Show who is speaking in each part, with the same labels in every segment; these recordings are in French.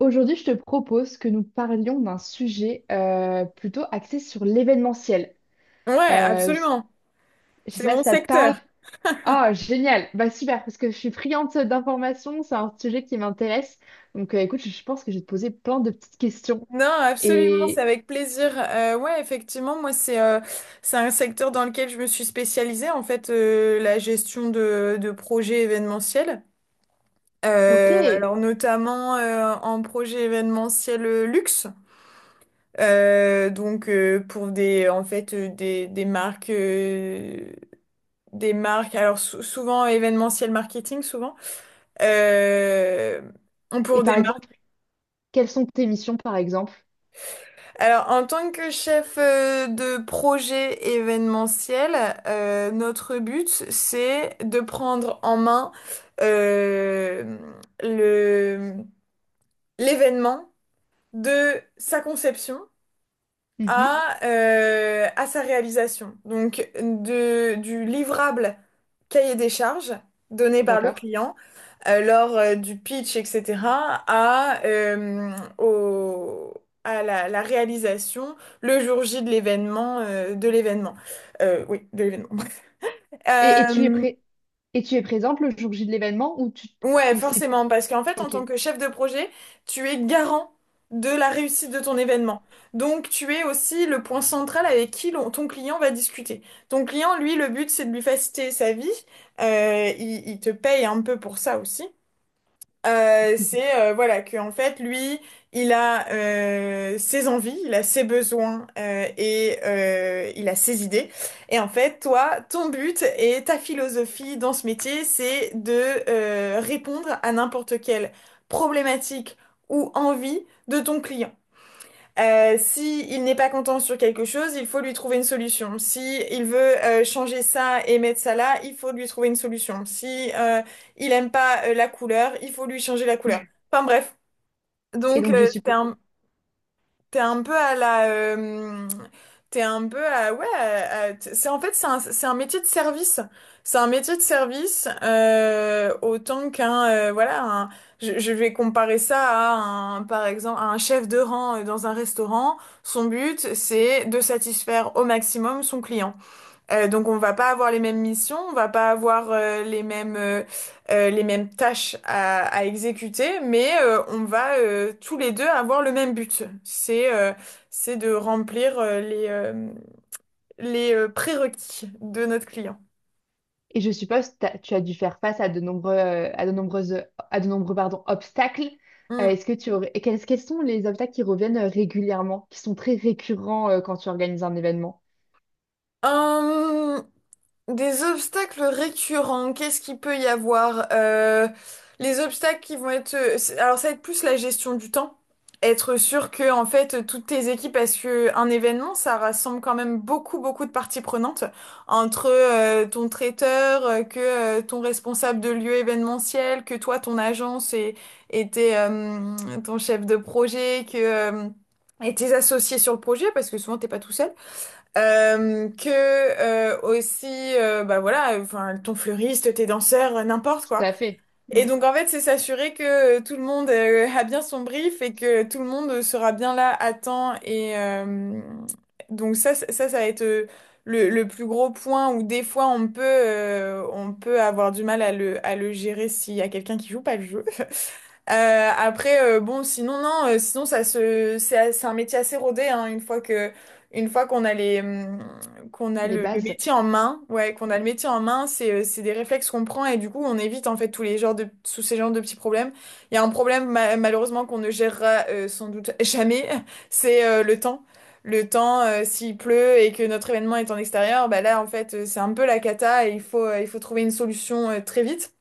Speaker 1: Aujourd'hui, je te propose que nous parlions d'un sujet plutôt axé sur l'événementiel.
Speaker 2: Ouais,
Speaker 1: Euh,
Speaker 2: absolument.
Speaker 1: je sais
Speaker 2: C'est
Speaker 1: pas
Speaker 2: mon
Speaker 1: si ça te parle.
Speaker 2: secteur.
Speaker 1: Ah, génial! Bah super, parce que je suis friande d'informations, c'est un sujet qui m'intéresse. Donc, écoute, je pense que je vais te poser plein de petites questions.
Speaker 2: Non, absolument, c'est
Speaker 1: Et
Speaker 2: avec plaisir. Ouais, effectivement, moi, c'est un secteur dans lequel je me suis spécialisée, en fait, la gestion de projets événementiels.
Speaker 1: ok. Et
Speaker 2: Alors, notamment en projet événementiel luxe. Donc, pour des, en fait, des marques, alors souvent événementiel marketing, souvent, euh, pour des.
Speaker 1: par exemple, quelles sont tes missions, par exemple?
Speaker 2: Alors, en tant que chef de projet événementiel, notre but, c'est de prendre en main euh, le, l'événement de sa conception
Speaker 1: Mhm,
Speaker 2: à sa réalisation. Donc, de, du livrable cahier des charges donné par le
Speaker 1: d'accord.
Speaker 2: client lors du pitch, etc., à, au- à la, la réalisation le jour J de l'événement, de l'événement. Oui, de l'événement.
Speaker 1: Et tu es
Speaker 2: Euh,
Speaker 1: prêt? Et tu es présente le jour J de l'événement ou tu
Speaker 2: Ouais,
Speaker 1: ou c'est
Speaker 2: forcément, parce qu'en fait, en
Speaker 1: ok.
Speaker 2: tant que chef de projet, tu es garant de la réussite de ton événement. Donc, tu es aussi le point central avec qui ton client va discuter. Ton client, lui, le but, c'est de lui faciliter sa vie. Il te paye un peu pour ça aussi. C'est voilà que en fait lui il a ses envies, il a ses besoins il a ses idées, et en fait toi ton but et ta philosophie dans ce métier c'est de répondre à n'importe quelle problématique ou envie de ton client. Si il n'est pas content sur quelque chose, il faut lui trouver une solution. Si il veut changer ça et mettre ça là, il faut lui trouver une solution. Si il aime pas la couleur, il faut lui changer la couleur. Enfin bref,
Speaker 1: Et
Speaker 2: donc
Speaker 1: donc je
Speaker 2: c'est
Speaker 1: suppose.
Speaker 2: un. T'es un peu à t'es un peu à, ouais, c'est en fait c'est un métier de service, c'est un métier de service autant qu'un, voilà, je vais comparer ça à un, par exemple, à un chef de rang dans un restaurant. Son but, c'est de satisfaire au maximum son client. Donc on va pas avoir les mêmes missions, on va pas avoir les mêmes tâches à exécuter, mais on va tous les deux avoir le même but. C'est de remplir les prérequis de notre client.
Speaker 1: Et je suppose que tu as dû faire face à de nombreux, à de nombreuses, à de nombreux, pardon, obstacles.
Speaker 2: Mm.
Speaker 1: Est-ce que et quels sont les obstacles qui reviennent régulièrement, qui sont très récurrents, quand tu organises un événement?
Speaker 2: Hum, Des obstacles récurrents, qu'est-ce qu'il peut y avoir? Les obstacles qui vont être... Alors ça va être plus la gestion du temps. Être sûr que en fait toutes tes équipes, parce que un événement, ça rassemble quand même beaucoup beaucoup de parties prenantes entre ton traiteur, que ton responsable de lieu événementiel, que toi ton agence, et tes, euh, ton chef de projet, que et tes associés sur le projet, parce que souvent t'es pas tout seul. Que Aussi bah voilà, enfin ton fleuriste, tes danseurs, n'importe
Speaker 1: Tout
Speaker 2: quoi.
Speaker 1: à fait.
Speaker 2: Et
Speaker 1: Oui.
Speaker 2: donc en fait c'est s'assurer que tout le monde a bien son brief et que tout le monde sera bien là à temps, donc ça va être le plus gros point où des fois on peut avoir du mal à le gérer s'il y a quelqu'un qui joue pas le jeu. Après, bon, sinon, non, sinon, ça se, c'est, a- c'est un métier assez rodé, hein, une fois que, une fois qu'on a qu'on a
Speaker 1: Les
Speaker 2: le
Speaker 1: bases.
Speaker 2: métier en main, ouais, qu'on a
Speaker 1: Mm.
Speaker 2: le métier en main, c'est des réflexes qu'on prend et du coup, on évite, en fait, tous ces genres de petits problèmes. Il y a un problème, malheureusement, qu'on ne gérera, sans doute jamais, c'est, le temps. Le temps, s'il pleut et que notre événement est en extérieur, bah là, en fait, c'est un peu la cata et il faut trouver une solution, très vite.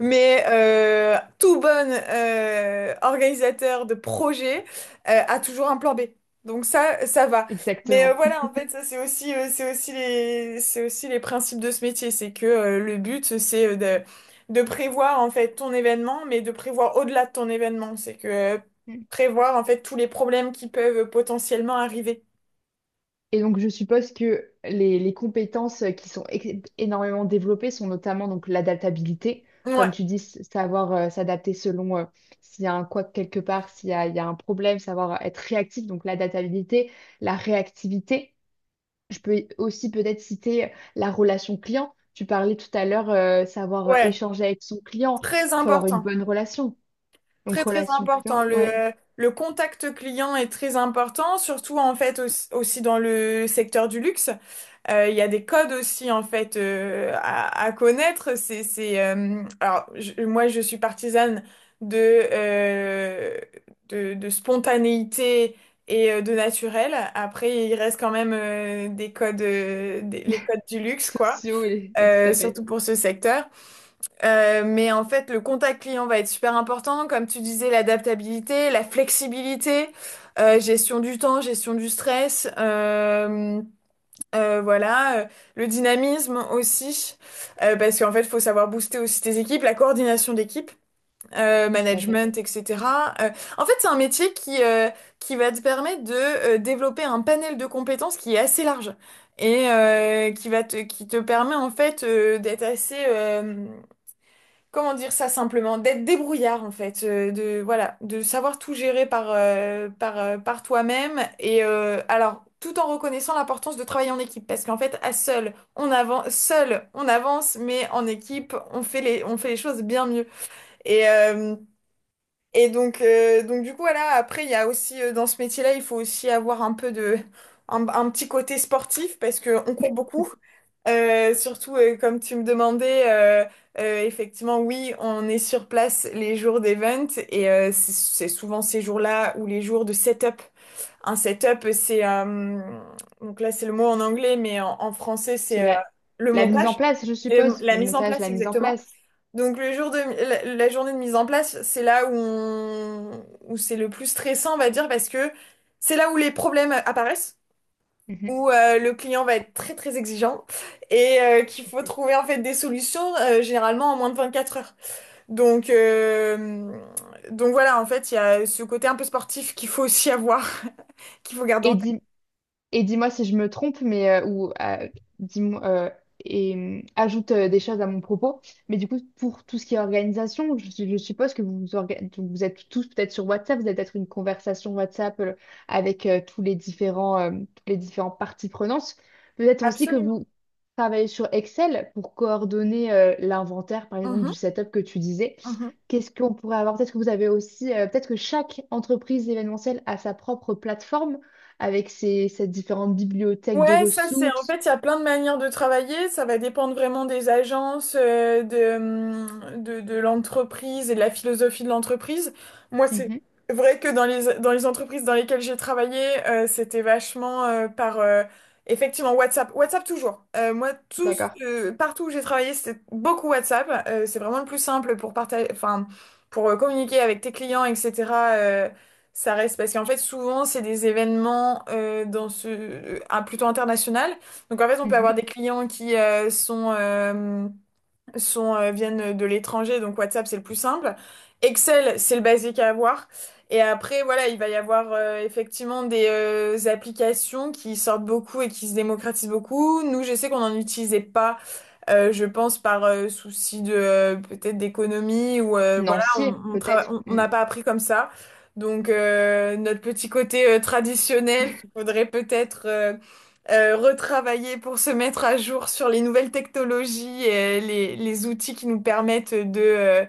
Speaker 2: Mais tout bon organisateur de projet a toujours un plan B. Donc ça va. Mais
Speaker 1: Exactement.
Speaker 2: voilà, en fait, ça c'est aussi, c'est aussi les principes de ce métier. C'est que le but, c'est de prévoir en fait ton événement, mais de prévoir au-delà de ton événement. C'est que prévoir en fait tous les problèmes qui peuvent potentiellement arriver.
Speaker 1: Et donc, je suppose que les compétences qui sont énormément développées sont notamment donc l'adaptabilité,
Speaker 2: Ouais,
Speaker 1: comme tu dis, savoir s'adapter selon s'il y a un quoi quelque part, il y a un problème, savoir être réactif, donc l'adaptabilité, la réactivité. Je peux aussi peut-être citer la relation client. Tu parlais tout à l'heure, savoir
Speaker 2: ouais,
Speaker 1: échanger avec son client,
Speaker 2: très
Speaker 1: faut avoir une
Speaker 2: important.
Speaker 1: bonne relation. Donc,
Speaker 2: Très très
Speaker 1: relation
Speaker 2: important.
Speaker 1: client, ouais,
Speaker 2: Le contact client est très important, surtout en fait aussi, aussi dans le secteur du luxe. Il y a des codes aussi en fait à connaître. Alors moi je suis partisane de, euh, de spontanéité de naturel. Après il reste quand même des codes, les codes du luxe quoi,
Speaker 1: sociaux et tout à
Speaker 2: surtout
Speaker 1: fait,
Speaker 2: pour ce secteur. Mais en fait, le contact client va être super important, comme tu disais, l'adaptabilité, la flexibilité, gestion du temps, gestion du stress, voilà, le dynamisme aussi, parce qu'en fait, il faut savoir booster aussi tes équipes, la coordination d'équipe,
Speaker 1: tout à fait.
Speaker 2: management, etc. Euh, En fait, c'est un métier qui va te permettre de développer un panel de compétences qui est assez large, qui va te, qui te permet en fait d'être assez comment dire ça simplement, d'être débrouillard en fait, de voilà, de savoir tout gérer par toi-même, alors tout en reconnaissant l'importance de travailler en équipe, parce qu'en fait à seul on avance, mais en équipe on fait les choses bien mieux, et euh, donc du coup, voilà, après, il y a aussi, dans ce métier-là, il faut aussi avoir un peu de, un petit côté sportif parce que on court beaucoup. Surtout, comme tu me demandais, effectivement, oui, on est sur place les jours d'event, c'est souvent ces jours-là ou les jours de setup. Un setup, donc là, c'est le mot en anglais, mais en français, c'est
Speaker 1: C'est la,
Speaker 2: le
Speaker 1: la mise en
Speaker 2: montage,
Speaker 1: place, je
Speaker 2: et
Speaker 1: suppose,
Speaker 2: la
Speaker 1: le
Speaker 2: mise en
Speaker 1: montage,
Speaker 2: place,
Speaker 1: la mise en
Speaker 2: exactement.
Speaker 1: place.
Speaker 2: Donc le jour de la journée de mise en place, c'est là où où c'est le plus stressant, on va dire, parce que c'est là où les problèmes apparaissent,
Speaker 1: Mhm.
Speaker 2: où le client va être très très exigeant, qu'il faut trouver en fait des solutions généralement en moins de 24 heures. Donc euh, donc voilà, en fait, il y a ce côté un peu sportif qu'il faut aussi avoir, qu'il faut garder
Speaker 1: Et
Speaker 2: en tête.
Speaker 1: dis, Et dis-moi si je me trompe, mais ou dis-moi et ajoute des choses à mon propos. Mais du coup, pour tout ce qui est organisation, je suppose que vous vous, vous êtes tous peut-être sur WhatsApp, vous avez peut-être une conversation WhatsApp avec tous les différents toutes les différentes parties prenantes. Peut-être aussi que
Speaker 2: Absolument.
Speaker 1: vous travaillez sur Excel pour coordonner l'inventaire, par exemple, du
Speaker 2: Mhm,
Speaker 1: setup que tu disais.
Speaker 2: mhm.
Speaker 1: Qu'est-ce qu'on pourrait avoir? Peut-être que vous avez aussi, peut-être que chaque entreprise événementielle a sa propre plateforme avec ces différentes bibliothèques de
Speaker 2: Ouais, ça c'est en
Speaker 1: ressources,
Speaker 2: fait il y a plein de manières de travailler, ça va dépendre vraiment des agences, de l'entreprise et de la philosophie de l'entreprise. Moi c'est
Speaker 1: mhm,
Speaker 2: vrai que dans dans les entreprises dans lesquelles j'ai travaillé, c'était vachement par effectivement WhatsApp. WhatsApp toujours. Moi tous
Speaker 1: d'accord,
Speaker 2: partout où j'ai travaillé, c'était beaucoup WhatsApp. C'est vraiment le plus simple pour partager, enfin pour communiquer avec tes clients, etc. Ça reste parce qu'en fait souvent c'est des événements plutôt international. Donc en fait on peut avoir
Speaker 1: mhm.
Speaker 2: des clients qui sont sont viennent de l'étranger, donc WhatsApp c'est le plus simple. Excel c'est le basique à avoir. Et après voilà il va y avoir effectivement des applications qui sortent beaucoup et qui se démocratisent beaucoup. Nous je sais qu'on n'en utilisait pas, je pense par souci de peut-être d'économie, ou voilà, on
Speaker 1: Financiers
Speaker 2: on
Speaker 1: peut-être,
Speaker 2: on
Speaker 1: mm,
Speaker 2: n'a pas appris comme ça. Donc notre petit côté traditionnel qu'il faudrait peut-être retravailler pour se mettre à jour sur les nouvelles technologies et les outils qui nous permettent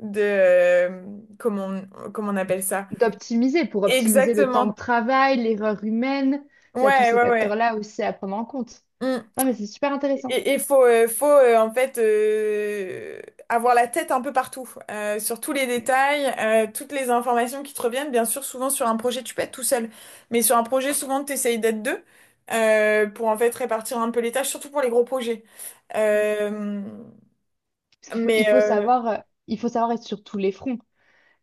Speaker 2: de comment on, comment on appelle ça?
Speaker 1: d'optimiser pour optimiser le temps de
Speaker 2: Exactement.
Speaker 1: travail, l'erreur humaine. Il y a tous
Speaker 2: Ouais,
Speaker 1: ces
Speaker 2: ouais, ouais.
Speaker 1: facteurs-là aussi à prendre en compte.
Speaker 2: Mm.
Speaker 1: Non, mais c'est super intéressant.
Speaker 2: Et il faut, en fait avoir la tête un peu partout, sur tous les
Speaker 1: Mm.
Speaker 2: détails, toutes les informations qui te reviennent. Bien sûr, souvent sur un projet, tu peux être tout seul, mais sur un projet, souvent, tu essayes d'être deux pour en fait répartir un peu les tâches, surtout pour les gros projets.
Speaker 1: Mhm.
Speaker 2: Euh,
Speaker 1: Parce qu'il faut,
Speaker 2: mais
Speaker 1: il faut
Speaker 2: euh,
Speaker 1: savoir, euh, il faut savoir être sur tous les fronts.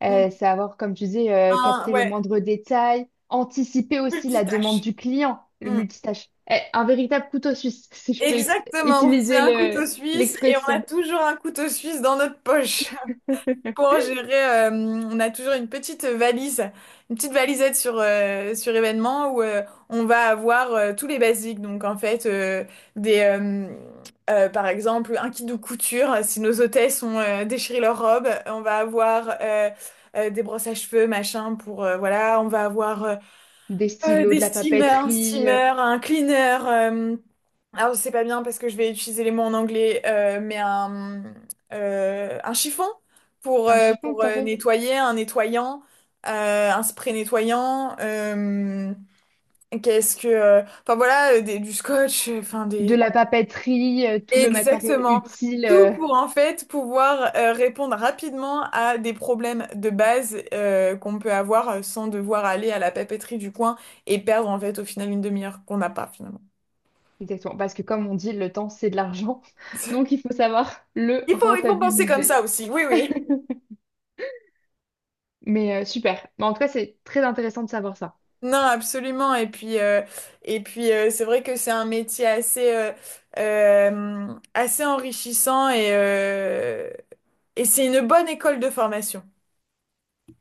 Speaker 2: mm,
Speaker 1: Savoir, comme tu dis, capter le
Speaker 2: ouais,
Speaker 1: moindre détail, anticiper aussi la demande
Speaker 2: multitâche.
Speaker 1: du client, le
Speaker 2: Mm.
Speaker 1: multitâche. Eh, un véritable couteau suisse, si je peux
Speaker 2: Exactement, c'est
Speaker 1: utiliser
Speaker 2: un couteau suisse et on a
Speaker 1: l'expression.
Speaker 2: toujours un couteau suisse dans notre poche, pour gérer, on a toujours une petite valise, une petite valisette sur, sur événement où on va avoir tous les basiques. Donc en fait, des, euh, par exemple, un kit de couture, si nos hôtesses ont déchiré leur robe, on va avoir des brosses à cheveux, machin, pour, voilà, on va avoir
Speaker 1: Des stylos,
Speaker 2: des
Speaker 1: de la
Speaker 2: steamers, un
Speaker 1: papeterie,
Speaker 2: steamer, un cleaner. Alors, c'est pas bien parce que je vais utiliser les mots en anglais, un chiffon
Speaker 1: un chiffon
Speaker 2: pour
Speaker 1: tout à fait.
Speaker 2: nettoyer, un nettoyant, un spray nettoyant. Qu'est-ce que. Enfin, voilà, du scotch, enfin,
Speaker 1: De
Speaker 2: des.
Speaker 1: la papeterie, tout le matériel
Speaker 2: Exactement.
Speaker 1: utile.
Speaker 2: Tout pour en fait pouvoir répondre rapidement à des problèmes de base qu'on peut avoir sans devoir aller à la papeterie du coin et perdre en fait au final une demi-heure qu'on n'a pas finalement.
Speaker 1: Exactement, parce que comme on dit, le temps, c'est de l'argent. Donc, il faut savoir le
Speaker 2: Il faut penser comme
Speaker 1: rentabiliser.
Speaker 2: ça aussi, oui, oui.
Speaker 1: Mais super. Mais en tout cas, c'est très intéressant de savoir ça.
Speaker 2: Non, absolument. Et puis, c'est vrai que c'est un métier assez, euh, assez enrichissant, et c'est une bonne école de formation.